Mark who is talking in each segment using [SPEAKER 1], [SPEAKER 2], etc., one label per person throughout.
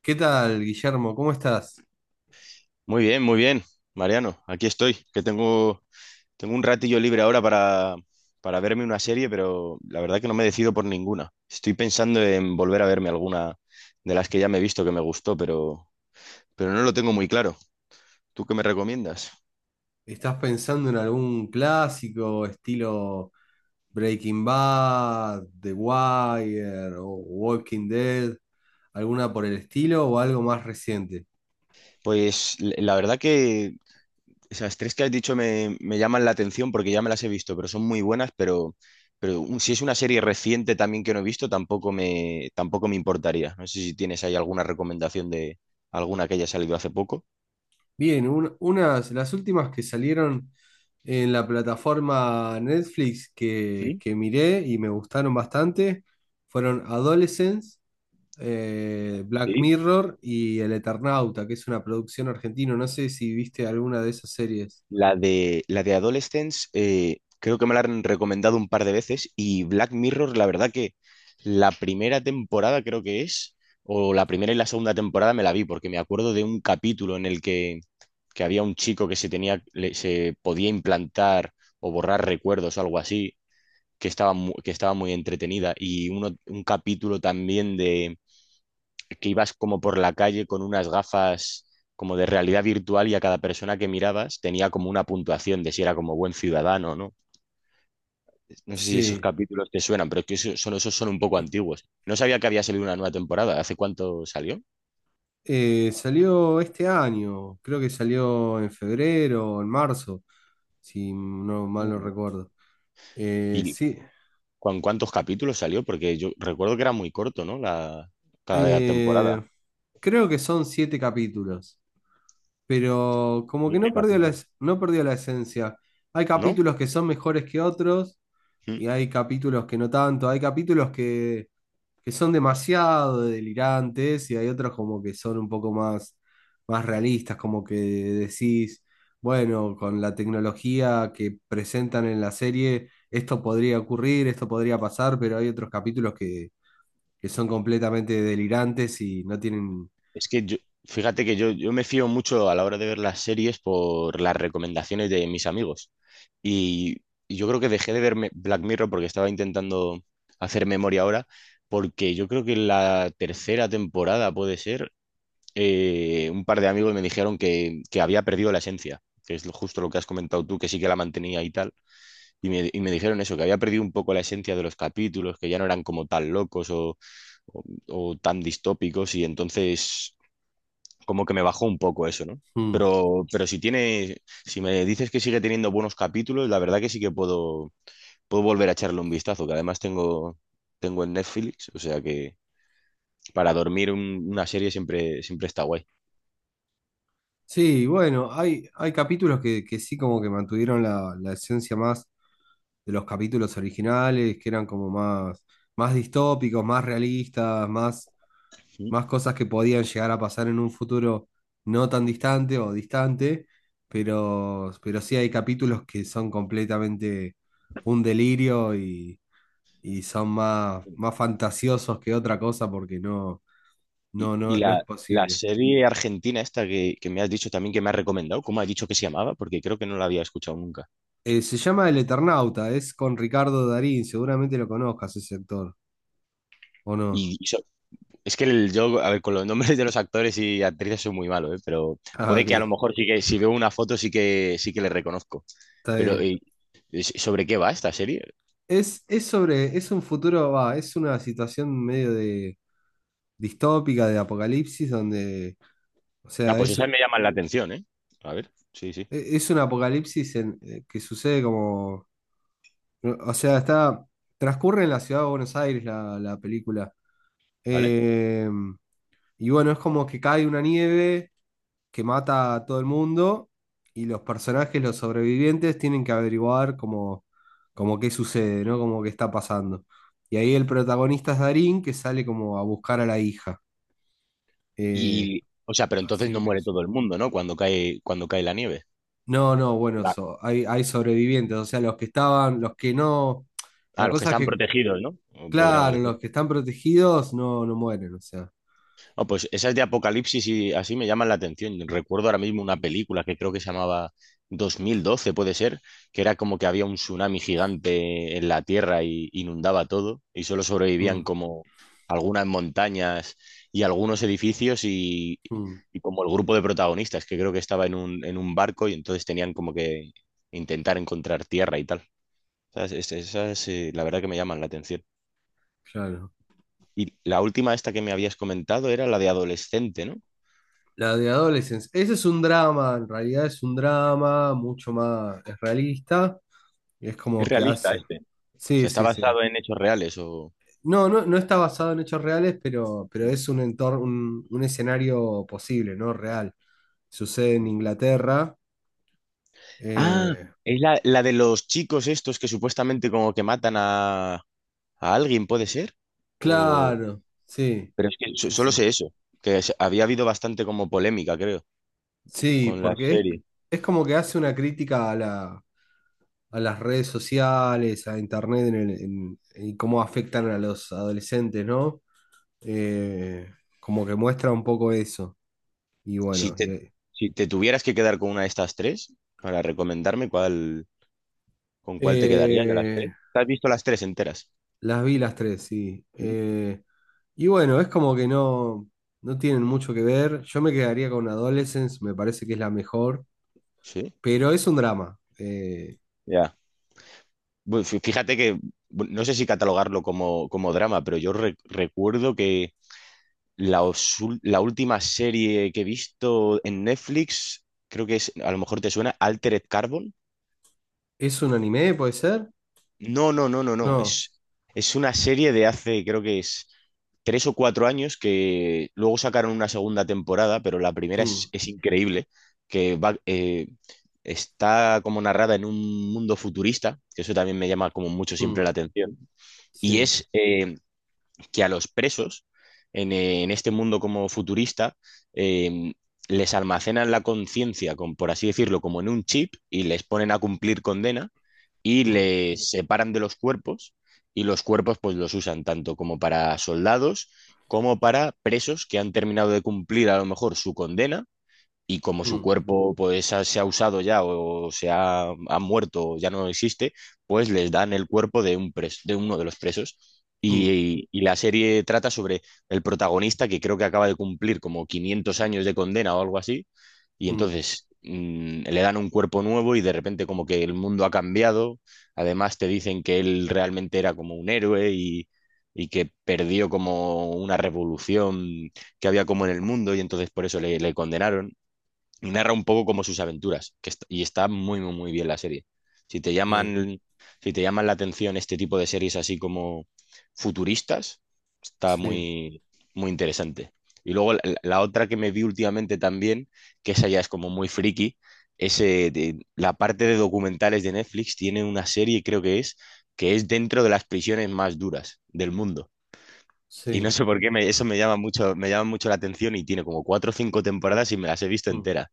[SPEAKER 1] ¿Qué tal, Guillermo? ¿Cómo estás?
[SPEAKER 2] Muy bien, Mariano, aquí estoy, que tengo un ratillo libre ahora para verme una serie, pero la verdad que no me decido por ninguna. Estoy pensando en volver a verme alguna de las que ya me he visto que me gustó, pero no lo tengo muy claro. ¿Tú qué me recomiendas?
[SPEAKER 1] ¿Estás pensando en algún clásico estilo Breaking Bad, The Wire o Walking Dead? ¿Alguna por el estilo o algo más reciente?
[SPEAKER 2] Pues la verdad que esas tres que has dicho me llaman la atención porque ya me las he visto, pero son muy buenas, pero si es una serie reciente también que no he visto, tampoco me importaría. No sé si tienes ahí alguna recomendación de alguna que haya salido hace poco.
[SPEAKER 1] Bien, las últimas que salieron en la plataforma Netflix
[SPEAKER 2] ¿Mm?
[SPEAKER 1] que miré y me gustaron bastante fueron Adolescence, Black
[SPEAKER 2] Sí.
[SPEAKER 1] Mirror y El Eternauta, que es una producción argentina. No sé si viste alguna de esas series.
[SPEAKER 2] La de Adolescence, creo que me la han recomendado un par de veces y Black Mirror, la verdad que la primera temporada creo que es, o la primera y la segunda temporada me la vi porque me acuerdo de un capítulo en el que había un chico que se tenía, se podía implantar o borrar recuerdos o algo así, que estaba muy entretenida. Y un capítulo también de que ibas como por la calle con unas gafas como de realidad virtual y a cada persona que mirabas tenía como una puntuación de si era como buen ciudadano o no. No sé si esos
[SPEAKER 1] Sí,
[SPEAKER 2] capítulos te suenan, pero es que esos son un poco antiguos. No sabía que había salido una nueva temporada. ¿Hace cuánto salió?
[SPEAKER 1] salió este año, creo que salió en febrero o en marzo, si no mal no
[SPEAKER 2] Mm.
[SPEAKER 1] recuerdo. Eh,
[SPEAKER 2] Y
[SPEAKER 1] sí,
[SPEAKER 2] ¿con cuántos capítulos salió? Porque yo recuerdo que era muy corto, ¿no? Cada temporada.
[SPEAKER 1] eh, creo que son siete capítulos, pero como que
[SPEAKER 2] Siete
[SPEAKER 1] no perdió
[SPEAKER 2] capítulos.
[SPEAKER 1] no perdió la esencia. Hay
[SPEAKER 2] ¿No?
[SPEAKER 1] capítulos que son mejores que otros,
[SPEAKER 2] Mm.
[SPEAKER 1] y hay capítulos que no tanto, que son demasiado delirantes y hay otros como que son un poco más, más realistas, como que decís, bueno, con la tecnología que presentan en la serie, esto podría ocurrir, esto podría pasar, pero hay que son completamente delirantes y no tienen.
[SPEAKER 2] Es que yo, fíjate que yo me fío mucho a la hora de ver las series por las recomendaciones de mis amigos. Y, y yo creo que dejé de verme Black Mirror porque estaba intentando hacer memoria ahora, porque yo creo que en la tercera temporada puede ser, un par de amigos me dijeron que había perdido la esencia, que es justo lo que has comentado tú, que sí que la mantenía y tal. Y me dijeron eso, que había perdido un poco la esencia de los capítulos, que ya no eran como tan locos o tan distópicos, y entonces como que me bajó un poco eso, ¿no?
[SPEAKER 1] Mm.
[SPEAKER 2] Pero si tiene, si me dices que sigue teniendo buenos capítulos, la verdad que sí que puedo volver a echarle un vistazo, que además tengo en Netflix, o sea que para dormir una serie siempre está guay.
[SPEAKER 1] Sí, bueno, hay capítulos que sí como que mantuvieron la esencia más de los capítulos originales, que eran como más, más distópicos, más realistas, más,
[SPEAKER 2] Sí.
[SPEAKER 1] más cosas que podían llegar a pasar en un futuro no tan distante o distante, pero sí hay capítulos que son completamente un delirio y son más, más fantasiosos que otra cosa porque
[SPEAKER 2] Y, y
[SPEAKER 1] no
[SPEAKER 2] la,
[SPEAKER 1] es
[SPEAKER 2] la
[SPEAKER 1] posible.
[SPEAKER 2] serie argentina esta que me has dicho también que me has recomendado, ¿cómo has dicho que se llamaba? Porque creo que no la había escuchado nunca.
[SPEAKER 1] Se llama El Eternauta, es con Ricardo Darín, seguramente lo conozcas ese actor, ¿o no?
[SPEAKER 2] Y, y so- es que yo, a ver, con los nombres de los actores y actrices soy muy malo, ¿eh? Pero
[SPEAKER 1] Ah,
[SPEAKER 2] puede que a lo
[SPEAKER 1] ok,
[SPEAKER 2] mejor sí que si veo una foto sí que le reconozco.
[SPEAKER 1] está
[SPEAKER 2] Pero
[SPEAKER 1] bien.
[SPEAKER 2] ¿sobre qué va esta serie?
[SPEAKER 1] Es sobre, es un futuro, va, es una situación medio de distópica, de apocalipsis, donde, o
[SPEAKER 2] Ah,
[SPEAKER 1] sea,
[SPEAKER 2] pues esas me llaman la atención, ¿eh? A ver, sí, sí,
[SPEAKER 1] es un apocalipsis que sucede como, no, o sea, está, transcurre en la ciudad de Buenos Aires la película.
[SPEAKER 2] ¿vale?
[SPEAKER 1] Eh, y bueno, es como que cae una nieve que mata a todo el mundo y los personajes, los sobrevivientes, tienen que averiguar como, como qué sucede, ¿no? Como qué está pasando. Y ahí el protagonista es Darín, que sale como a buscar a la hija. Eh,
[SPEAKER 2] Y, o sea, pero entonces
[SPEAKER 1] así
[SPEAKER 2] no muere
[SPEAKER 1] empieza.
[SPEAKER 2] todo el mundo, ¿no? Cuando cae la nieve.
[SPEAKER 1] No, no, bueno,
[SPEAKER 2] La-
[SPEAKER 1] hay, hay sobrevivientes, o sea, los que estaban, los que no,
[SPEAKER 2] ah,
[SPEAKER 1] la
[SPEAKER 2] los que
[SPEAKER 1] cosa es
[SPEAKER 2] están
[SPEAKER 1] que,
[SPEAKER 2] protegidos, ¿no? Podríamos
[SPEAKER 1] claro, los
[SPEAKER 2] decir.
[SPEAKER 1] que están protegidos no, no mueren, o sea.
[SPEAKER 2] Ah, pues esas de Apocalipsis y así me llaman la atención. Recuerdo ahora mismo una
[SPEAKER 1] Mm,
[SPEAKER 2] película que creo que se llamaba 2012, puede ser, que era como que había un tsunami gigante en la Tierra y inundaba todo y solo
[SPEAKER 1] mm,
[SPEAKER 2] sobrevivían como algunas montañas y algunos edificios y,
[SPEAKER 1] mm,
[SPEAKER 2] y como el grupo de protagonistas, que creo que estaba en un barco y entonces tenían como que intentar encontrar tierra y tal. Esas, la verdad que me llaman la atención.
[SPEAKER 1] claro.
[SPEAKER 2] Y la última esta que me habías comentado era la de adolescente, ¿no?
[SPEAKER 1] La de Adolescence. Ese es un drama, en realidad es un drama mucho más es realista. Y es
[SPEAKER 2] Es
[SPEAKER 1] como que
[SPEAKER 2] realista
[SPEAKER 1] hace.
[SPEAKER 2] este. O
[SPEAKER 1] Sí,
[SPEAKER 2] sea, está
[SPEAKER 1] sí, sí.
[SPEAKER 2] basado en hechos reales o.
[SPEAKER 1] No, no, no está basado en hechos reales, pero es un entorno, un escenario posible, ¿no? Real. Sucede en Inglaterra.
[SPEAKER 2] Ah,
[SPEAKER 1] Eh,
[SPEAKER 2] es la de los chicos estos que supuestamente como que matan a alguien, ¿puede ser? O.
[SPEAKER 1] claro, sí.
[SPEAKER 2] Pero es que
[SPEAKER 1] Sí, sí.
[SPEAKER 2] solo sé eso, que había habido bastante como polémica, creo,
[SPEAKER 1] Sí,
[SPEAKER 2] con la
[SPEAKER 1] porque
[SPEAKER 2] serie.
[SPEAKER 1] es como que hace una crítica a a las redes sociales, a internet y cómo afectan a los adolescentes, ¿no? Eh, como que muestra un poco eso. Y
[SPEAKER 2] Si
[SPEAKER 1] bueno,
[SPEAKER 2] te, si te tuvieras que quedar con una de estas tres, para recomendarme cuál, con cuál te quedarías de las tres.
[SPEAKER 1] eh,
[SPEAKER 2] ¿Te has visto las tres enteras?
[SPEAKER 1] las vi las tres, sí.
[SPEAKER 2] Sí.
[SPEAKER 1] Y bueno, es como que no tienen mucho que ver. Yo me quedaría con Adolescence, me parece que es la mejor,
[SPEAKER 2] ¿Sí?
[SPEAKER 1] pero es un drama.
[SPEAKER 2] Ya. Bueno, fíjate que bueno, no sé si catalogarlo como, como drama, pero yo recuerdo que la última serie que he visto en Netflix, creo que es, a lo mejor te suena, Altered Carbon.
[SPEAKER 1] ¿Es un anime, puede ser?
[SPEAKER 2] No, no, no, no, no.
[SPEAKER 1] No.
[SPEAKER 2] Es una serie de hace, creo que es 3 o 4 años que luego sacaron una segunda temporada, pero la primera es,
[SPEAKER 1] Mm,
[SPEAKER 2] es increíble, que va, está como narrada en un mundo futurista, que eso también me llama como mucho siempre
[SPEAKER 1] mm,
[SPEAKER 2] la atención, y
[SPEAKER 1] sí,
[SPEAKER 2] es que a los presos, en este mundo como futurista, eh, les almacenan la conciencia, por así decirlo, como en un chip y les ponen a cumplir condena y
[SPEAKER 1] mm,
[SPEAKER 2] les separan de los cuerpos y los cuerpos pues los usan tanto como para soldados como para presos que han terminado de cumplir a lo mejor su condena y como su
[SPEAKER 1] mm,
[SPEAKER 2] cuerpo pues se ha usado ya o se ha muerto o ya no existe, pues les dan el cuerpo de de uno de los presos.
[SPEAKER 1] mm,
[SPEAKER 2] Y la serie trata sobre el protagonista que creo que acaba de cumplir como 500 años de condena o algo así, y
[SPEAKER 1] mm,
[SPEAKER 2] entonces le dan un cuerpo nuevo y de repente como que el mundo ha cambiado. Además te dicen que él realmente era como un héroe y que perdió como una revolución que había como en el mundo y entonces por eso le condenaron y narra un poco como sus aventuras, que y está muy, muy, muy bien la serie. Si te
[SPEAKER 1] bien,
[SPEAKER 2] llaman, si te llaman la atención este tipo de series así como futuristas, está
[SPEAKER 1] sí,
[SPEAKER 2] muy, muy interesante. Y luego la otra que me vi últimamente también, que esa ya es como muy friki, es la parte de documentales de Netflix tiene una serie, creo que es dentro de las prisiones más duras del mundo. Y no
[SPEAKER 1] sí.
[SPEAKER 2] sé por qué eso me llama mucho la atención y tiene como cuatro o cinco temporadas y me las he visto
[SPEAKER 1] Mm.
[SPEAKER 2] enteras.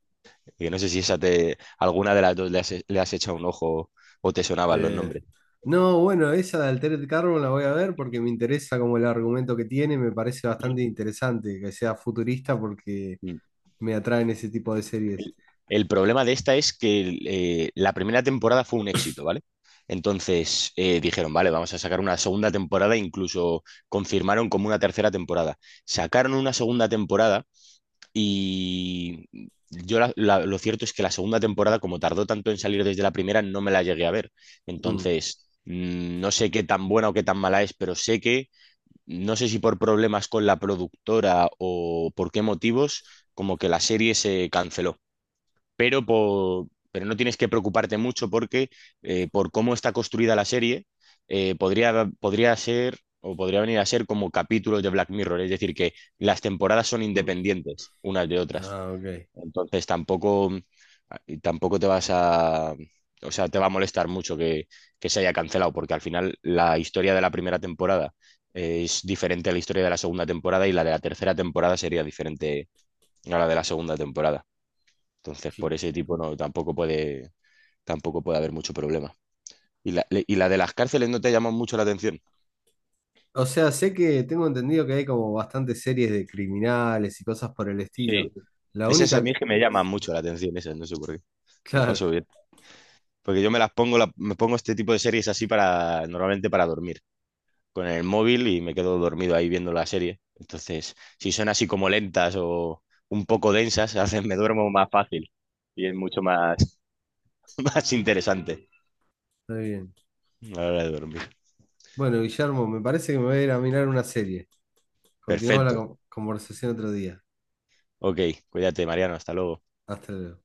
[SPEAKER 2] Que no sé si alguna de las dos le has echado un ojo o te sonaban los
[SPEAKER 1] Eh,
[SPEAKER 2] nombres.
[SPEAKER 1] no, bueno, esa de Altered Carbon la voy a ver porque me interesa como el argumento que tiene, me parece bastante interesante que sea futurista porque
[SPEAKER 2] Mm.
[SPEAKER 1] me atraen ese tipo de series.
[SPEAKER 2] El, el problema de esta es que la primera temporada fue un éxito, ¿vale? Entonces dijeron, vale, vamos a sacar una segunda temporada, incluso confirmaron como una tercera temporada. Sacaron una segunda temporada y yo lo cierto es que la segunda temporada, como tardó tanto en salir desde la primera, no me la llegué a ver.
[SPEAKER 1] Mm,
[SPEAKER 2] Entonces, no sé qué tan buena o qué tan mala es, pero sé que no sé si por problemas con la productora o por qué motivos, como que la serie se canceló. Pero no tienes que preocuparte mucho porque por cómo está construida la serie, podría ser o podría venir a ser como capítulos de Black Mirror, es decir, que las temporadas son
[SPEAKER 1] mm.
[SPEAKER 2] independientes unas de otras.
[SPEAKER 1] Ah, ok.
[SPEAKER 2] Entonces tampoco, y tampoco te vas a, o sea, te va a molestar mucho que se haya cancelado, porque al final la historia de la primera temporada es diferente a la historia de la segunda temporada y la de la tercera temporada sería diferente a la de la segunda temporada. Entonces, por
[SPEAKER 1] Sí.
[SPEAKER 2] ese tipo no, tampoco puede haber mucho problema. Y la de las cárceles no te llama mucho la atención.
[SPEAKER 1] O sea, sé que tengo entendido que hay como bastantes series de criminales y cosas por el estilo.
[SPEAKER 2] Sí,
[SPEAKER 1] La
[SPEAKER 2] esas a
[SPEAKER 1] única.
[SPEAKER 2] mí es que me llaman mucho la atención, esas, no sé por qué. Me lo
[SPEAKER 1] Claro,
[SPEAKER 2] paso bien. Porque yo me las pongo, la- me pongo este tipo de series así normalmente para dormir. Con el móvil y me quedo dormido ahí viendo la serie. Entonces, si son así como lentas o un poco densas, hacen me duermo más fácil y es mucho más, más interesante
[SPEAKER 1] está bien.
[SPEAKER 2] a la hora de dormir.
[SPEAKER 1] Bueno, Guillermo, me parece que me voy a ir a mirar una serie. Continuamos la
[SPEAKER 2] Perfecto.
[SPEAKER 1] conversación otro día.
[SPEAKER 2] Ok, cuídate, Mariano. Hasta luego.
[SPEAKER 1] Hasta luego.